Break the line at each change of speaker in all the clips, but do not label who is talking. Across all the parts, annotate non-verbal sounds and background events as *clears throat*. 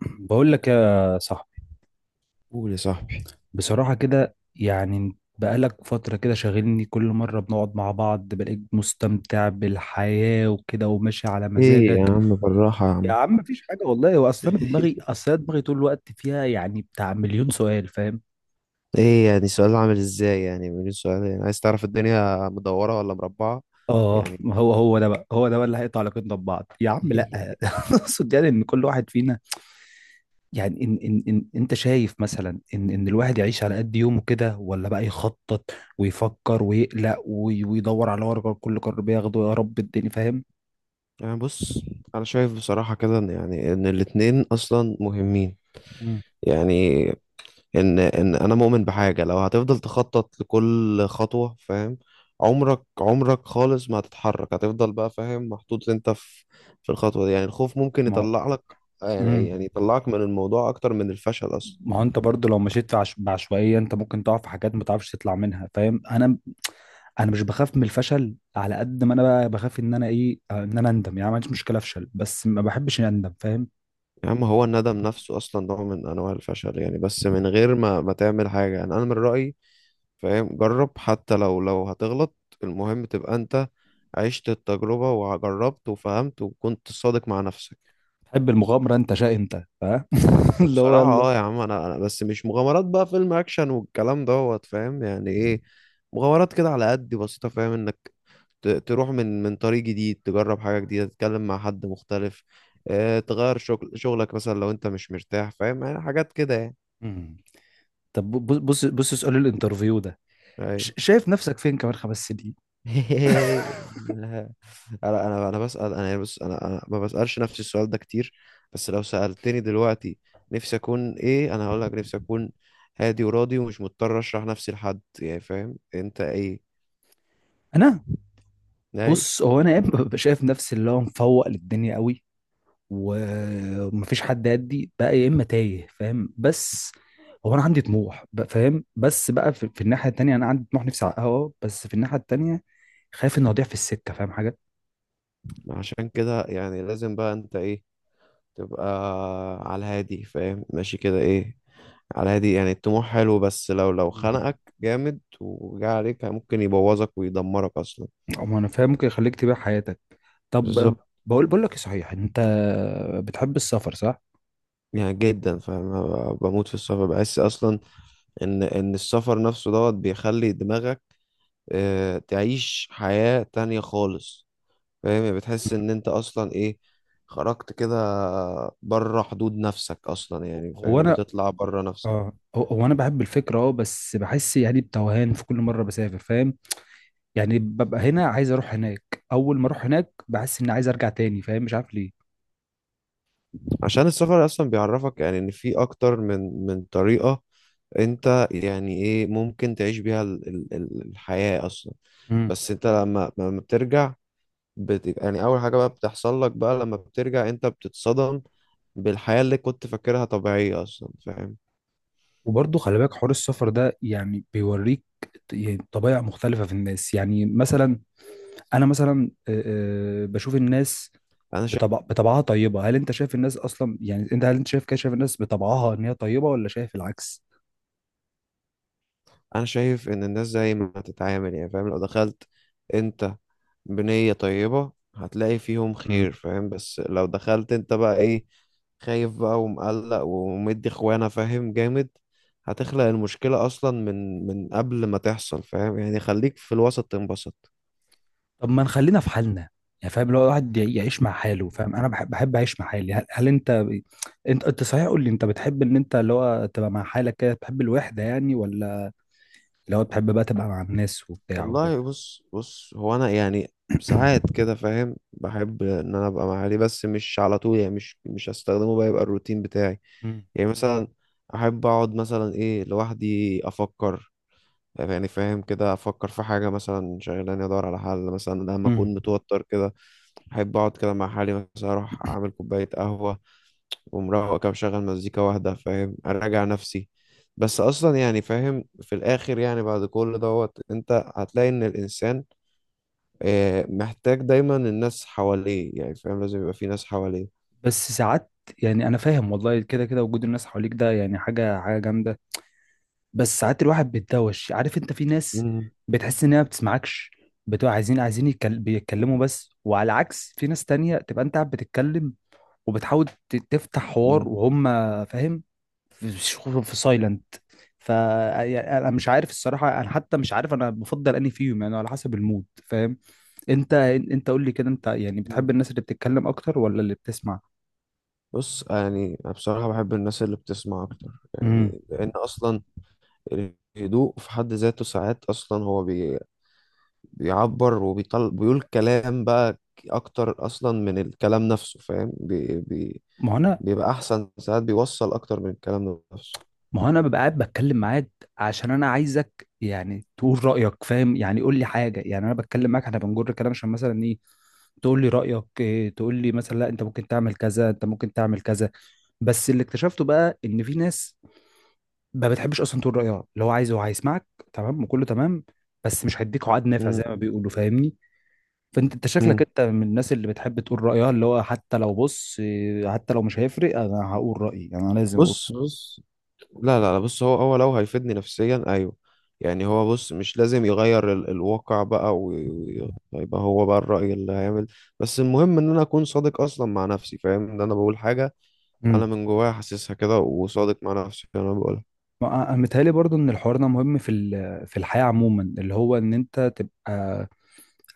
بقول لك يا صاحبي،
قول يا صاحبي.
بصراحة كده يعني بقالك فترة كده شاغلني. كل مرة بنقعد مع بعض بلاقيك مستمتع بالحياة وكده وماشي على
ايه يا
مزاجك.
عم، بالراحة يا
يا
عم.
عم مفيش حاجة والله. هو أصلا دماغي
*laughs*
أصلا دماغي طول الوقت فيها يعني بتاع مليون سؤال، فاهم؟
ايه يعني؟ سؤال عامل ازاي؟ يعني من سؤال يعني عايز تعرف الدنيا مدورة ولا مربعة؟
اه،
يعني
ما هو هو ده بقى اللي هيقطع علاقتنا ببعض يا عم، لا.
*laughs*
*laughs* اقصد يعني ان كل واحد فينا، يعني إن أنت شايف مثلا إن الواحد يعيش على قد يومه كده ولا بقى يخطط ويفكر ويقلق ويدور على ورقة كل قرار بياخده، يا رب الدنيا، فاهم؟
يعني بص، انا شايف بصراحة كده ان يعني ان الاتنين اصلا مهمين.
مم.
يعني ان انا مؤمن بحاجة، لو هتفضل تخطط لكل خطوة، فاهم، عمرك خالص ما هتتحرك، هتفضل بقى فاهم، محطوط انت في في الخطوة دي. يعني الخوف ممكن
ما هو
يطلع لك، يعني
مم.
يطلعك من الموضوع اكتر من الفشل اصلا.
ما هو أنت برضه لو مشيت في بعشوائية، أنت ممكن تقع في حاجات ما تعرفش تطلع منها، فاهم؟ أنا مش بخاف من الفشل على قد ما أنا بقى بخاف إن أنا إيه آه، إن أنا أندم. يعني ما عنديش مشكلة أفشل بس ما بحبش إني أندم، فاهم؟
يا عم هو الندم نفسه اصلا نوع من انواع الفشل يعني، بس من غير ما تعمل حاجه. يعني انا من رايي فاهم، جرب حتى لو لو هتغلط. المهم تبقى انت عشت التجربه وجربت وفهمت وكنت صادق مع نفسك.
بحب المغامرة. أنت شاء أنت فاهم؟ *laughs* اللي هو
بصراحه
يلا.
اه يا عم، انا بس مش مغامرات بقى فيلم اكشن والكلام دوت فاهم. يعني ايه مغامرات؟ كده على قد بسيطه، فاهم، انك تروح من من طريق جديد، تجرب حاجه جديده، تتكلم مع حد مختلف، آه، تغير شغلك مثلا لو انت مش مرتاح، فاهم، يعني حاجات كده يعني.
مم. طب بص سؤال الانترفيو ده،
أيوة.
شايف نفسك فين كمان خمس سنين؟
*laughs* لا. انا بسأل، انا يعني بص، انا ما بسألش نفسي السؤال ده كتير، بس لو سألتني دلوقتي نفسي اكون ايه، انا هقول لك نفسي اكون هادي وراضي ومش مضطر اشرح نفسي لحد، يعني فاهم انت ايه.
انا،
اي.
بص، هو انا يا اما ببقى شايف نفسي اللي هو مفوق للدنيا قوي و- ومفيش حد يدي بقى، يا اما تايه، فاهم؟ بس هو انا عندي طموح بقى، فاهم؟ بس بقى في الناحيه التانيه انا عندي طموح نفسي احققه، آه، بس في الناحيه التانيه خايف اني اضيع في السكه، فاهم حاجه؟
عشان كده يعني لازم بقى انت ايه، تبقى على الهادي فاهم، ماشي كده ايه، على الهادي. يعني الطموح حلو، بس لو لو
مم.
خنقك جامد وجا عليك ممكن يبوظك ويدمرك اصلا.
أما انا فاهم، ممكن يخليك تبيع حياتك. طب أه،
بالظبط.
بقول لك ايه، صحيح انت بتحب السفر، صح؟
يعني جدا فاهم، أنا بموت في السفر، بحس اصلا ان السفر نفسه دوت بيخلي دماغك آه، تعيش حياة تانية خالص، فاهم، يعني بتحس ان انت اصلا ايه، خرجت كده بره حدود نفسك اصلا، يعني
هو
فاهم
انا،
بتطلع بره نفسك.
اه، هو انا بحب الفكره اه، بس بحس يعني بتوهان في كل مره بسافر، فاهم؟ يعني ببقى هنا عايز اروح هناك، اول ما اروح هناك بحس اني عايز ارجع تاني، فاهم؟ مش عارف ليه.
عشان السفر اصلا بيعرفك يعني ان في اكتر من من طريقة انت يعني ايه ممكن تعيش بيها الحياة اصلا.
امم.
بس انت لما بترجع، يعني اول حاجه بقى بتحصل لك بقى لما بترجع، انت بتتصدم بالحياه اللي كنت فاكرها طبيعيه اصلا، فاهم.
وبرضه خلي بالك حوار السفر ده يعني بيوريك يعني طبائع مختلفة في الناس. يعني مثلا أنا مثلا، آه، آه، بشوف الناس
انا شايف
بطبعها طيبة. هل أنت شايف الناس أصلا، يعني أنت هل أنت شايف كده، شايف الناس بطبعها إن هي طيبة ولا شايف العكس؟
انا شايف ان الناس زي ما تتعامل، يعني فاهم، لو دخلت انت بنيه طيبه هتلاقي فيهم خير، فاهم، بس لو دخلت انت بقى ايه، خايف بقى ومقلق ومدي اخوانا فاهم جامد، هتخلق المشكلة أصلا من من قبل ما تحصل، فاهم، يعني خليك في الوسط تنبسط.
طب ما نخلينا في حالنا، يعني فاهم؟ لو الواحد يعيش مع حاله، فاهم؟ انا بحب اعيش مع حالي. هل انت صحيح قول لي، انت بتحب ان انت اللي هو تبقى مع حالك كده، تحب الوحده يعني، ولا اللي هو تحب بقى تبقى مع الناس وبتاع وكده؟
والله بص بص، هو انا يعني ساعات كده
*clears throat*
فاهم بحب ان انا ابقى مع اهلي، بس مش على طول، يعني مش هستخدمه بقى يبقى الروتين بتاعي.
مم.
يعني مثلا احب اقعد مثلا ايه لوحدي افكر، يعني فاهم كده افكر في حاجه مثلا شغلاني، ادور على حل مثلا لما
مم.
اكون متوتر كده. احب اقعد كده مع حالي، مثلا اروح اعمل كوبايه قهوه ومروق كده مشغل مزيكا واحده، فاهم، اراجع نفسي. بس اصلا يعني فاهم في الاخر، يعني بعد كل دوت انت هتلاقي ان الانسان آه، محتاج دايما الناس حواليه، يعني فاهم لازم يبقى في ناس حواليه.
بس ساعات، يعني انا فاهم والله، كده كده وجود الناس حواليك ده يعني حاجه حاجه جامده. بس ساعات الواحد بيتدوش. عارف انت في ناس
مم.
بتحس انها ما بتسمعكش، بتبقى بيتكلموا بس. وعلى عكس في ناس تانية تبقى انت قاعد بتتكلم وبتحاول تفتح حوار
مم.
وهم فاهم في في سايلنت. ف يعني انا مش عارف الصراحه، انا حتى مش عارف انا بفضل انهي فيهم، يعني على حسب المود، فاهم؟ انت قول لي كده، انت يعني بتحب
مم.
الناس اللي بتتكلم اكتر ولا اللي بتسمع؟
بص يعني أنا بصراحة بحب الناس اللي بتسمع أكتر،
امم.
يعني لأن أصلا الهدوء في حد ذاته ساعات أصلا هو بيعبر وبيطل، بيقول كلام بقى أكتر أصلا من الكلام نفسه، فاهم
ما هو انا
بيبقى أحسن، ساعات بيوصل أكتر من الكلام نفسه.
ما هو انا ببقى قاعد بتكلم معاك عشان انا عايزك يعني تقول رايك، فاهم؟ يعني قول لي حاجه يعني، انا بتكلم معاك احنا بنجر كلام عشان مثلا، إيه، تقول لي رأيك إيه، تقول لي مثلا لا انت ممكن تعمل كذا، انت ممكن تعمل كذا. بس اللي اكتشفته بقى ان في ناس ما بتحبش اصلا تقول رأيها، اللي هو عايز هو هيسمعك، تمام، وكله تمام، بس مش هيديك عقد نافع زي
مم.
ما بيقولوا، فاهمني؟ فانت شكلك
مم.
انت من الناس اللي بتحب تقول رأيها، اللي هو حتى لو، بص، إيه، حتى لو مش هيفرق انا هقول رأيي، انا لازم اقول.
بص لا لا لا، بص هو هو لو هيفيدني نفسيا ايوه. يعني هو بص، مش لازم يغير ال الواقع بقى ويبقى هو بقى الرأي اللي هيعمل، بس المهم ان انا اكون صادق اصلا مع نفسي، فاهم ان انا بقول حاجة
امم.
انا من جوايا حاسسها كده وصادق مع نفسي في اللي انا بقولها.
متهيألي برضو ان الحوار ده مهم في الحياة عموما، اللي هو ان انت تبقى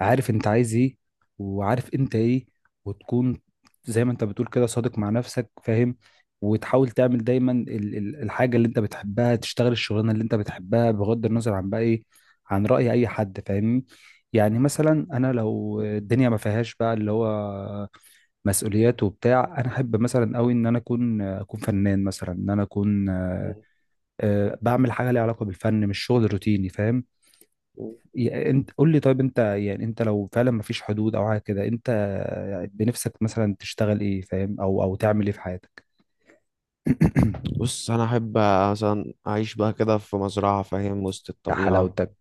عارف انت عايز ايه، وعارف انت ايه، وتكون زي ما انت بتقول كده صادق مع نفسك، فاهم؟ وتحاول تعمل دايما الحاجة اللي انت بتحبها، تشتغل الشغلانة اللي انت بتحبها بغض النظر عن بقى ايه، عن رأي اي حد، فاهمني؟ يعني مثلا انا لو الدنيا ما فيهاش بقى اللي هو مسؤوليات وبتاع، انا احب مثلا قوي ان انا اكون فنان مثلا، ان انا اكون، آه،
مم.
آه، بعمل حاجة ليها علاقة بالفن، مش شغل روتيني، فاهم؟ انت قول لي طيب، انت يعني انت لو فعلا مفيش حدود او حاجه كده، انت بنفسك مثلا تشتغل ايه، فاهم؟ او تعمل ايه في حياتك؟ *coughs*
بص انا احب مثلا اعيش بقى كده في مزرعة، فاهم، وسط
يا
الطبيعة.
حلاوتك.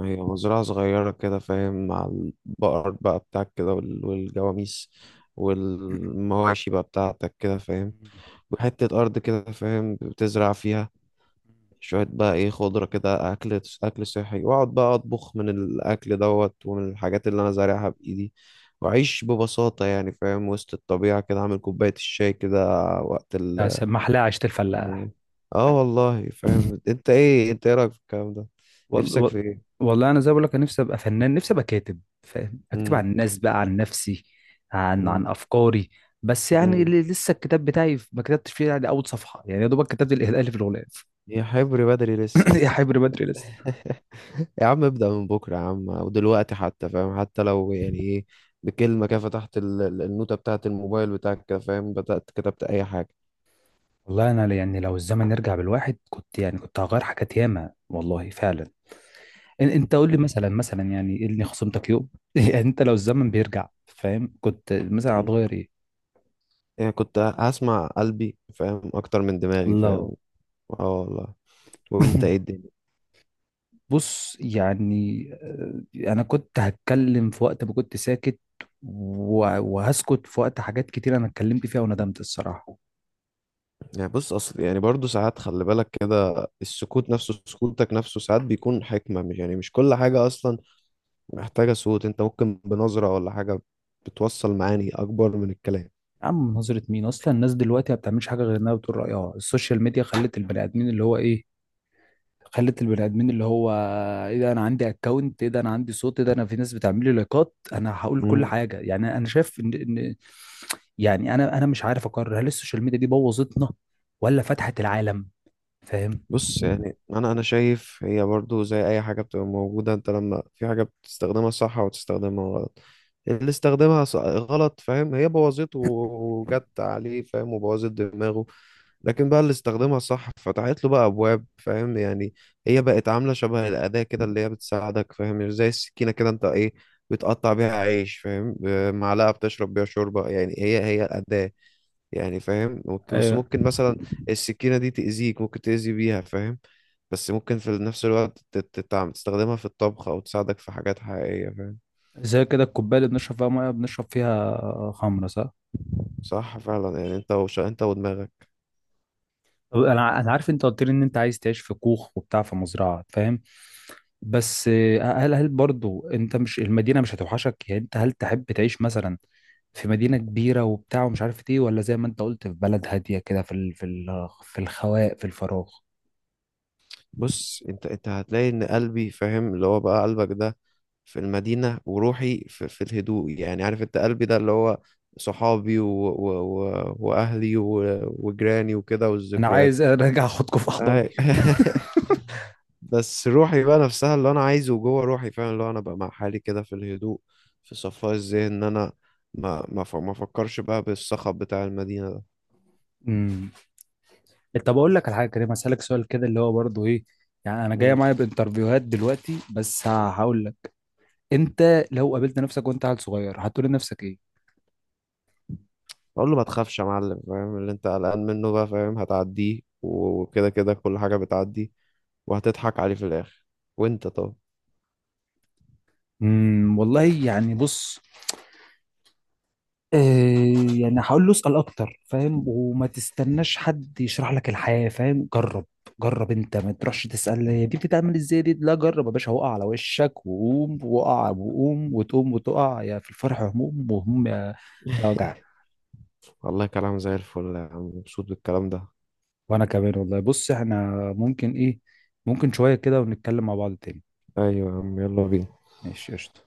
هي مزرعة صغيرة كده فاهم، مع البقر بقى بتاعك كده والجواميس
*clears throat*
والمواشي بقى بتاعتك كده فاهم، وحتة أرض كده فاهم بتزرع فيها شوية بقى إيه خضرة كده، أكل أكل صحي، وأقعد بقى أطبخ من الأكل دوت ومن الحاجات اللي أنا زارعها بإيدي، وأعيش ببساطة يعني فاهم وسط الطبيعة كده، أعمل كوباية الشاي كده وقت
يا
ال.
محلاها عيشه الفلاح.
آه والله فاهم. أنت إيه؟ أنت إيه رأيك في الكلام ده؟
وال...
نفسك
وال...
في إيه؟
والله انا زي ما بقول لك، انا نفسي ابقى فنان، نفسي ابقى كاتب، فاهم؟ اكتب
مم.
عن الناس بقى، عن نفسي،
مم.
عن افكاري. بس يعني
مم.
لسه الكتاب بتاعي ما كتبتش فيه يعني اول صفحه، يعني يا دوبك كتبت الاهداف اللي في الغلاف.
يا حبري بدري
*clears throat*
لسه.
*coughs* يا حبر بدري.
*laughs* يا عم ابدأ من بكرة يا عم، ودلوقتي حتى، فاهم، حتى لو يعني ايه بكلمة كده، فتحت النوتة بتاعة الموبايل بتاعك كده فاهم، بدأت كتبت أي حاجة.
والله انا يعني لو الزمن يرجع بالواحد كنت يعني كنت هغير حاجات ياما، والله فعلا. انت قول لي مثلا، يعني إيه اللي خصمتك يوم؟ *laughs* يعني انت لو الزمن بيرجع، فاهم؟ كنت مثلا
مم.
هتغير ايه؟
يعني كنت هسمع قلبي فاهم، أكتر من دماغي
الله.
فاهم. اه والله. وانت ايه
*laughs*
الدنيا؟
بص يعني، آه، انا كنت هتكلم في وقت ما كنت ساكت، وهسكت في وقت حاجات كتير انا اتكلمت فيها وندمت، الصراحه.
يعني بص اصل يعني برضو ساعات خلي بالك كده، السكوت نفسه سكوتك نفسه ساعات بيكون حكمة. مش يعني مش كل حاجة اصلا محتاجة صوت، انت ممكن بنظرة ولا حاجة بتوصل معاني اكبر من الكلام.
يا عم نظرة مين اصلا! الناس دلوقتي ما بتعملش حاجه غير انها بتقول رايها. السوشيال ميديا خلت البني ادمين اللي هو ايه، خلت البني ادمين اللي هو ايه ده انا عندي اكونت، ايه ده انا عندي صوت، ايه ده انا في ناس بتعمل لي لايكات انا هقول كل حاجه. يعني انا شايف ان يعني انا مش عارف اقرر، هل السوشيال ميديا دي بوظتنا ولا فتحت العالم، فاهم؟
بص يعني انا شايف هي برضو زي اي حاجه بتبقى موجوده، انت لما في حاجه بتستخدمها صح وتستخدمها غلط، اللي استخدمها غلط فاهم هي بوظته وجت عليه فاهم وبوظت دماغه، لكن بقى اللي استخدمها صح فتحت له بقى ابواب فاهم. يعني هي بقت عامله شبه الاداه كده اللي هي بتساعدك، فاهم، زي السكينه كده، انت ايه بتقطع بيها عيش فاهم معلقه بتشرب بيها شوربه، يعني هي هي الاداه، يعني فاهم ممكن، بس
ايوه،
ممكن مثلا السكينة دي تأذيك، ممكن تأذي بيها فاهم، بس ممكن في نفس الوقت تستخدمها في الطبخ أو تساعدك في حاجات حقيقية فاهم.
زي كده الكوبايه اللي بنشرب فيها ميه بنشرب فيها خمره، صح؟
صح فعلا، يعني انت انت ودماغك.
طب انا عارف انت قلت لي ان انت عايز تعيش في كوخ وبتاع في مزرعه، فاهم؟ بس آه، هل برضو انت مش، المدينة مش هتوحشك؟ يعني انت هل تحب تعيش مثلا في مدينة كبيرة وبتاع ومش عارف ايه، ولا زي ما انت قلت في بلد هادية كده في الخواء في الفراغ؟
بص انت انت هتلاقي ان قلبي فاهم اللي هو بقى قلبك ده، في المدينة وروحي في، في الهدوء، يعني عارف انت قلبي ده اللي هو صحابي واهلي وجيراني وكده
انا
والذكريات.
عايز *laughs* ارجع اخدكم في احضاني.
أي. *laughs* بس روحي بقى نفسها اللي انا عايزه جوه روحي فعلا، اللي هو انا بقى مع حالي كده في الهدوء، في صفاء الذهن ان انا ما افكرش بقى بالصخب بتاع المدينه ده.
امم. طب اقول لك على حاجة كريم، هسألك سؤال كده اللي هو برضو ايه، يعني انا جاية
مم.
معايا بانترفيوهات دلوقتي. بس هقول لك، انت لو قابلت نفسك وانت عيل صغير، هتقول لنفسك ايه؟
اقول له ما تخافش يا معلم فاهم، اللي انت قلقان منه بقى فاهم هتعديه، وكده كده كل حاجه بتعدي، وهتضحك عليه في الاخر. وانت؟ طب
امم. والله يعني بص، آه، يعني هقول له اسأل أكتر، فاهم؟ وما تستناش حد يشرح لك الحياة، فاهم؟ جرب. جرب أنت، ما تروحش تسأل هي دي بتتعمل إزاي، دي لا. جرب يا باشا، وقع على وشك وقوم، وقع وقوم، وتقوم وتقع، يا في الفرح هموم وهموم، يا يا
*laughs*
وجع.
والله كلام زي الفل يا عم، مبسوط بالكلام ده.
وأنا كمان والله، بص إحنا ممكن إيه، ممكن شوية كده ونتكلم مع بعض تاني.
ايوه يا عم يلا بينا.
ماشي، قشطة.